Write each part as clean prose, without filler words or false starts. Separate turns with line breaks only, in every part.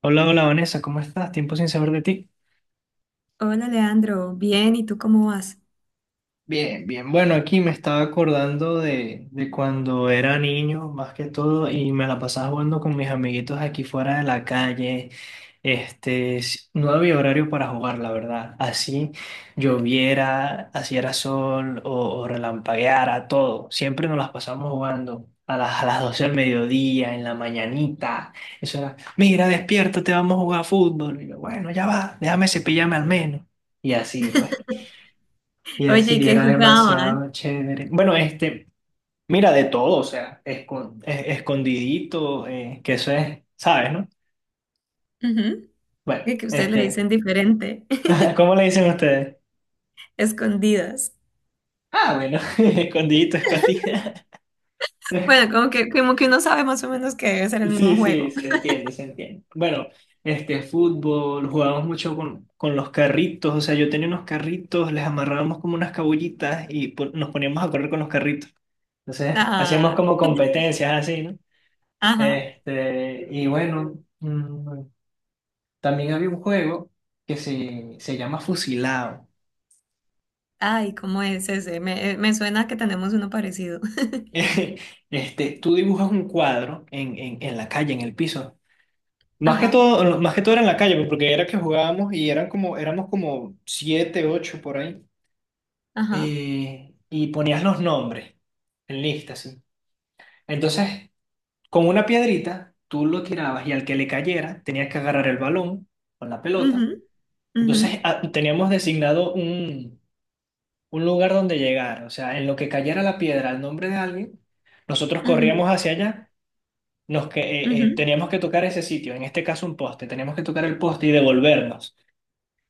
Hola, hola Vanessa, ¿cómo estás? Tiempo sin saber de ti.
Hola Leandro, bien, ¿y tú cómo vas?
Bien, bien. Bueno, aquí me estaba acordando de cuando era niño, más que todo, y me la pasaba jugando con mis amiguitos aquí fuera de la calle. No había horario para jugar, la verdad. Así lloviera, así era sol o relampagueara, todo. Siempre nos las pasamos jugando. A las 12 del mediodía, en la mañanita. Eso era, mira, despiértate, vamos a jugar fútbol. Y yo, bueno, ya va, déjame cepillarme al menos. Y así, pues. Y
Oye, ¿y
así
¿qué
era
jugaban?
demasiado chévere. Bueno, mira, de todo, o sea, escondidito, que eso es, ¿sabes, no?
Ujú.
Bueno,
Y que ustedes le dicen diferente,
¿cómo le dicen ustedes?
escondidas.
Ah, bueno, escondidito, escondida.
Bueno, como que, como que uno sabe más o menos que debe ser el mismo
Sí, sí,
juego.
se entiende, se entiende. Bueno, fútbol, jugábamos mucho con los carritos, o sea, yo tenía unos carritos, les amarrábamos como unas cabullitas y nos poníamos a correr con los carritos. Entonces, hacíamos
Ah,
como competencias así, ¿no?
ajá.
Y bueno, también había un juego que se llama Fusilado.
Ay, ¿cómo es ese? Me suena que tenemos uno parecido.
Tú dibujas un cuadro en la calle, en el piso. Más que
Ajá,
todo, más que todo era en la calle, pues, porque era que jugábamos y éramos como siete, ocho por ahí.
ajá.
Y ponías los nombres en lista, así. Entonces, con una piedrita, tú lo tirabas y al que le cayera, tenías que agarrar el balón con la pelota.
Ujú, ujú,
Entonces, teníamos designado un lugar donde llegar, o sea, en lo que cayera la piedra al nombre de alguien, nosotros
ujú,
corríamos hacia allá,
ujú,
teníamos que tocar ese sitio, en este caso un poste, teníamos que tocar el poste y devolvernos.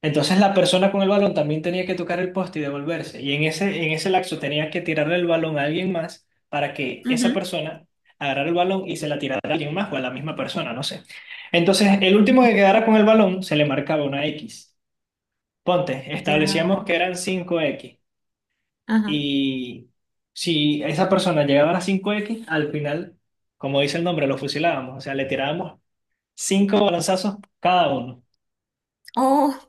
Entonces la persona con el balón también tenía que tocar el poste y devolverse, y en ese lapso tenía que tirarle el balón a alguien más para que esa
ujú.
persona agarrara el balón y se la tirara a alguien más o a la misma persona, no sé. Entonces el último que quedara con el balón se le marcaba una X. Ponte,
Ya,
establecíamos que eran 5X,
ajá.
y si esa persona llegaba a las 5X, al final, como dice el nombre, lo fusilábamos. O sea, le tirábamos cinco balazos cada uno.
Oh.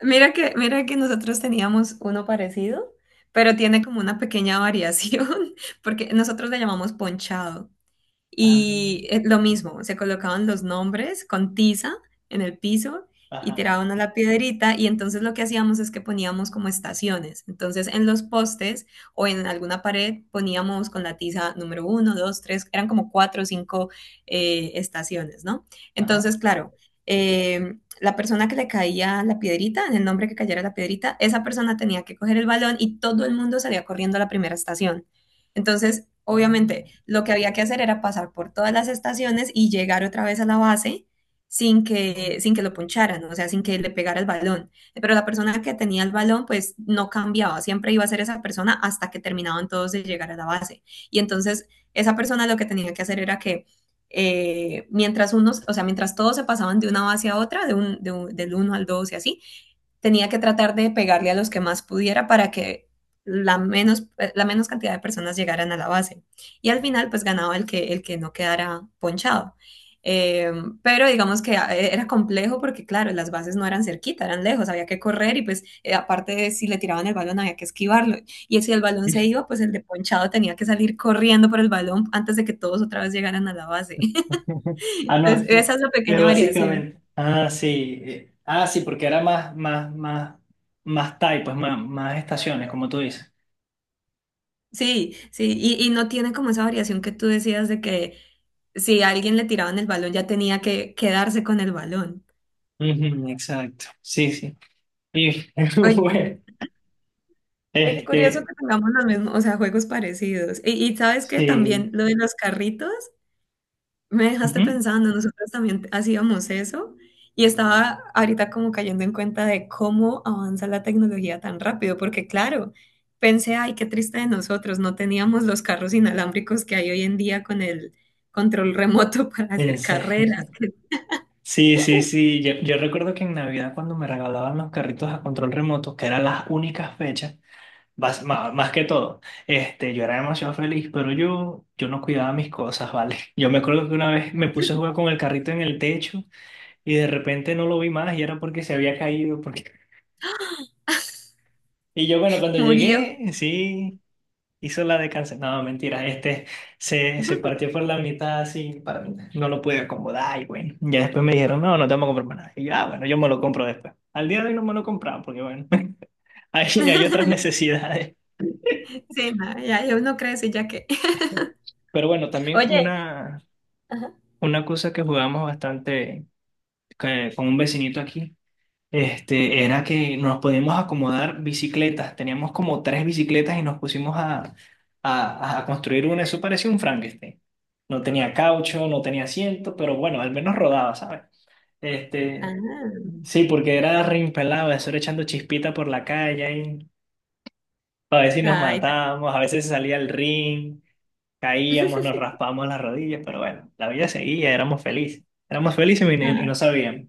Mira que nosotros teníamos uno parecido, pero tiene como una pequeña variación, porque nosotros le llamamos ponchado.
Ah.
Y lo mismo, se colocaban los nombres con tiza en el piso y
Ajá,
tiraban a la piedrita y entonces lo que hacíamos es que poníamos como estaciones. Entonces en los postes o en alguna pared poníamos con la tiza número uno, dos, tres, eran como cuatro o cinco estaciones, ¿no?
ajá.
Entonces, claro, la persona que le caía la piedrita, en el nombre que cayera la piedrita, esa persona tenía que coger el balón y todo el mundo salía corriendo a la primera estación. Entonces,
Ah.
obviamente, lo que había que hacer era pasar por todas las estaciones y llegar otra vez a la base sin que, sin que lo poncharan, o sea, sin que le pegara el balón. Pero la persona que tenía el balón, pues no cambiaba, siempre iba a ser esa persona hasta que terminaban todos de llegar a la base. Y entonces, esa persona lo que tenía que hacer era que mientras unos, o sea, mientras todos se pasaban de una base a otra, del uno al 2 y así, tenía que tratar de pegarle a los que más pudiera para que la menos cantidad de personas llegaran a la base. Y al final, pues ganaba el que no quedara ponchado. Eh, pero digamos que era complejo porque, claro, las bases no eran cerquita, eran lejos, había que correr y pues aparte de si le tiraban el balón había que esquivarlo. Y si el balón se iba, pues el de ponchado tenía que salir corriendo por el balón antes de que todos otra vez llegaran a la base.
Ah, no,
Entonces, esa es la
es
pequeña variación.
básicamente. Ah, sí. Ah, sí, porque era más type, pues más estaciones, como tú dices.
Sí, sí, y no tiene como esa variación que tú decías de que si a alguien le tiraban el balón ya tenía que quedarse con el balón.
Ujú, exacto. Sí, sí. Y
Oye,
bueno,
ve qué curioso
este,
que tengamos los mismos, o sea, juegos parecidos. Y sabes que
sí.
también lo de los carritos. Me dejaste
Ujú,
pensando, nosotros también hacíamos eso y estaba ahorita como cayendo en cuenta de cómo avanza la tecnología tan rápido, porque claro, pensé, ay, qué triste de nosotros, no teníamos los carros inalámbricos que hay hoy en día con el control remoto para
en
hacer carreras.
serio. Sí, sí, sí. Yo recuerdo que en Navidad cuando me regalaban los carritos a control remoto, que eran las únicas fechas, más que todo, yo era demasiado feliz, pero yo no cuidaba mis cosas, ¿vale? Yo me acuerdo que una vez me puse a jugar con el carrito en el techo y de repente no lo vi más y era porque se había caído, porque. Y yo, bueno, cuando
Murió.
llegué, sí. Hizo la de cáncer. No, mentira, se partió por la mitad así para mí. No lo pude acomodar y bueno. Ya después me dijeron, no, no te vamos a comprar más nada. Y yo, ah, bueno, yo me lo compro después. Al día de hoy no me lo he comprado porque bueno, hay otras necesidades.
Sí, no, ya uno crece ya que.
Pero bueno, también
Oye.
una,
Ajá.
una cosa que jugamos bastante con un vecinito aquí. Era que nos podíamos acomodar bicicletas. Teníamos como tres bicicletas y nos pusimos a construir una. Eso parecía un Frankenstein. No tenía caucho, no tenía asiento, pero bueno, al menos rodaba, ¿sabes? Este,
Ah.
sí, porque era reimpelado, eso era echando chispita por la calle. Y a veces nos matábamos, a veces salía el ring, caíamos, nos raspábamos las rodillas, pero bueno, la vida seguía, éramos felices. Éramos felices y
Ay.
no sabíamos.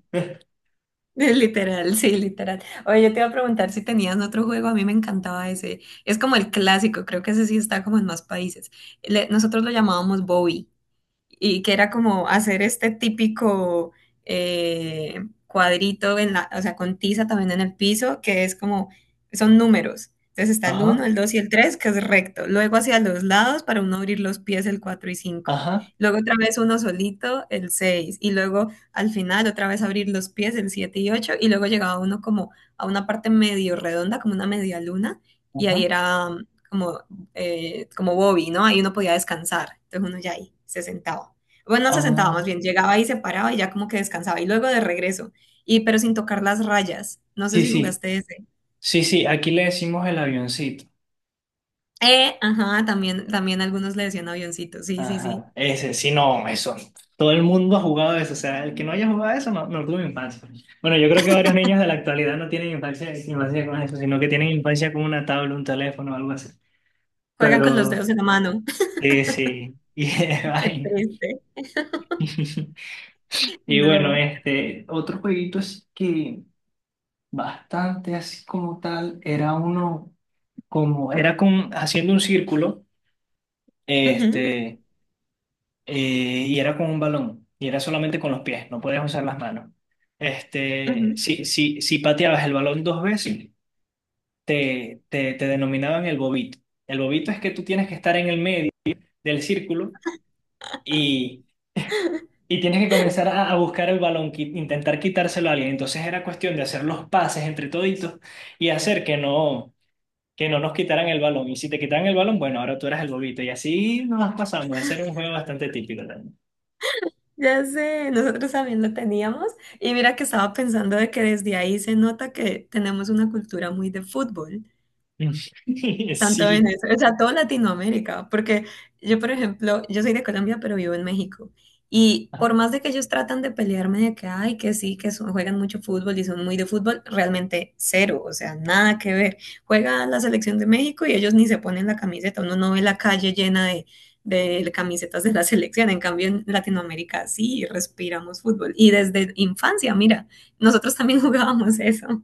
Es literal, sí, literal. Oye, yo te iba a preguntar si tenías otro juego, a mí me encantaba ese. Es como el clásico, creo que ese sí está como en más países. Nosotros lo llamábamos Bobby y que era como hacer este típico cuadrito o sea, con tiza también en el piso, que es como, son números. Entonces está el
Ajá,
uno el 2 y el 3 que es recto. Luego hacia los lados para uno abrir los pies el 4 y cinco.
ajá.
Luego otra vez uno solito, el seis. Y luego al final otra vez abrir los pies el 7 y ocho. Y luego llegaba uno como a una parte medio redonda, como una media luna. Y ahí
Ajá.
era como Bobby, ¿no? Ahí uno podía descansar. Entonces uno ya ahí se sentaba. Bueno, no se sentaba
Ah.
más bien, llegaba y se paraba y ya como que descansaba. Y luego de regreso, y pero sin tocar las rayas. No sé
Sí,
si
sí,
jugaste ese.
sí, sí, aquí le decimos el avioncito.
Ajá, también algunos le decían avioncito. Sí, sí, sí.
Ajá, ese, sí, no, eso. Todo el mundo ha jugado eso, o sea, el que no haya jugado eso no, no tuvo infancia. Bueno, yo creo que varios niños de la actualidad no tienen infancia, infancia con eso, sino que tienen infancia con una tabla, un teléfono o algo así.
Juegan con los
Pero,
dedos en la mano.
sí, sí, y de
Qué
vaina.
triste.
Y bueno,
No.
otro jueguito así que bastante así como tal, era uno, como, era con, haciendo un círculo,
Ujú,
este. Y era con un balón, y era solamente con los pies, no podías usar las manos.
ujú.
Si pateabas el balón dos veces, te denominaban el bobito. El bobito es que tú tienes que estar en el medio del círculo y, y tienes que comenzar a buscar el balón, intentar quitárselo a alguien. Entonces era cuestión de hacer los pases entre toditos y hacer que no nos quitaran el balón. Y si te quitaran el balón, bueno, ahora tú eras el bobito. Y así nos las pasamos. Ese era un juego bastante típico también.
Ya sé, nosotros también lo teníamos. Y mira que estaba pensando de que desde ahí se nota que tenemos una cultura muy de fútbol. Tanto
Sí.
Venezuela, o sea, toda Latinoamérica, porque yo, por ejemplo, yo soy de Colombia, pero vivo en México. Y por más de que ellos tratan de pelearme de que, ay, que sí, juegan mucho fútbol y son muy de fútbol, realmente cero, o sea, nada que ver. Juega la selección de México y ellos ni se ponen la camiseta, uno no ve la calle llena de camisetas de la selección. En cambio, en Latinoamérica sí respiramos fútbol. Y desde infancia, mira, nosotros también jugábamos eso.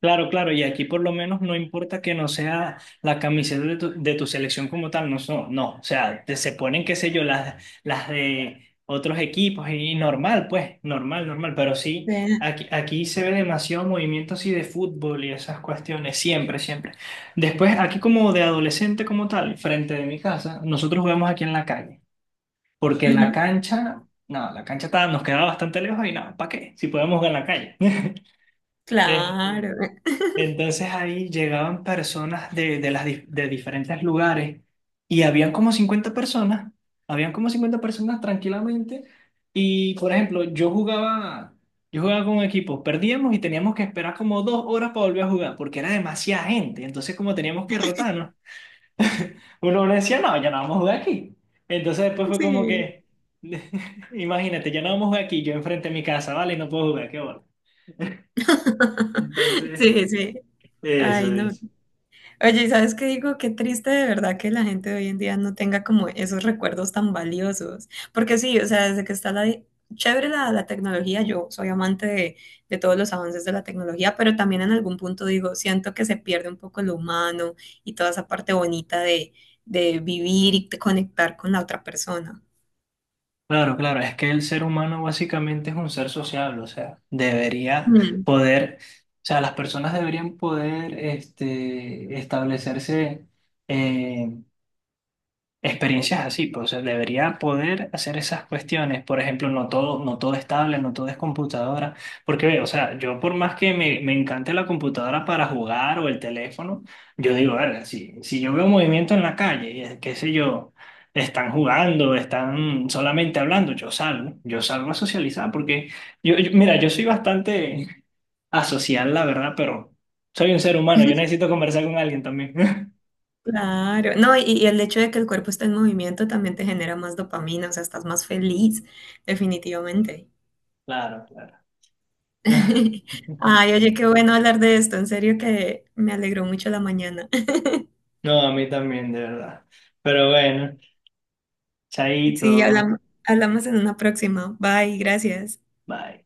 Claro, claro, y aquí por lo menos no importa que no sea la camiseta de tu selección como tal, no, no, o sea, se ponen, qué sé yo, las de otros equipos y normal, pues, normal, normal, pero sí,
De-
aquí se ve demasiado movimiento así de fútbol y esas cuestiones, siempre, siempre. Después, aquí como de adolescente como tal, frente de mi casa, nosotros jugamos aquí en la calle, porque la
Ujú,
cancha, no, la cancha nos quedaba bastante lejos y nada, ¿para qué? Si podemos jugar en la calle.
claro,
Entonces ahí llegaban personas de diferentes lugares y habían como 50 personas, habían como 50 personas tranquilamente y por ejemplo yo jugaba con un equipo perdíamos y teníamos que esperar como 2 horas para volver a jugar porque era demasiada gente, entonces como teníamos que rotarnos, uno decía no, ya no vamos a jugar aquí. Entonces después fue como
sí.
que, imagínate, ya no vamos a jugar aquí, yo enfrente de mi casa, vale, no puedo jugar, qué bueno. Entonces,
Sí, sí.
eso,
Ay, no.
eso.
Oye, ¿sabes qué digo? Qué triste de verdad que la gente de hoy en día no tenga como esos recuerdos tan valiosos. Porque sí, o sea, desde que está la. Chévere la tecnología, yo soy amante de todos los avances de la tecnología, pero también en algún punto digo, siento que se pierde un poco lo humano y toda esa parte bonita de vivir y de conectar con la otra persona.
Claro, claro, es que el ser humano básicamente es un ser sociable, o sea, debería
Mm.
poder, o sea, las personas deberían poder establecerse eh, experiencias así, pues o sea, debería poder hacer esas cuestiones. Por ejemplo, no todo es tablet, no todo es computadora. Porque, ve, o sea, yo por más que me encante la computadora para jugar o el teléfono, yo digo, verga, si yo veo movimiento en la calle, y, qué sé yo, están jugando, están solamente hablando, yo salgo a socializar. Porque, mira, yo soy bastante asocial, la verdad, pero soy un ser humano, yo necesito conversar con alguien también.
Claro, no, y el hecho de que el cuerpo está en movimiento también te genera más dopamina, o sea, estás más feliz, definitivamente.
Claro, claro.
Ay, oye, qué bueno hablar de esto, en serio que me alegró mucho la mañana.
No, a mí también, de verdad. Pero bueno,
Sí,
chaito,
hablamos, en una próxima. Bye, gracias.
bye.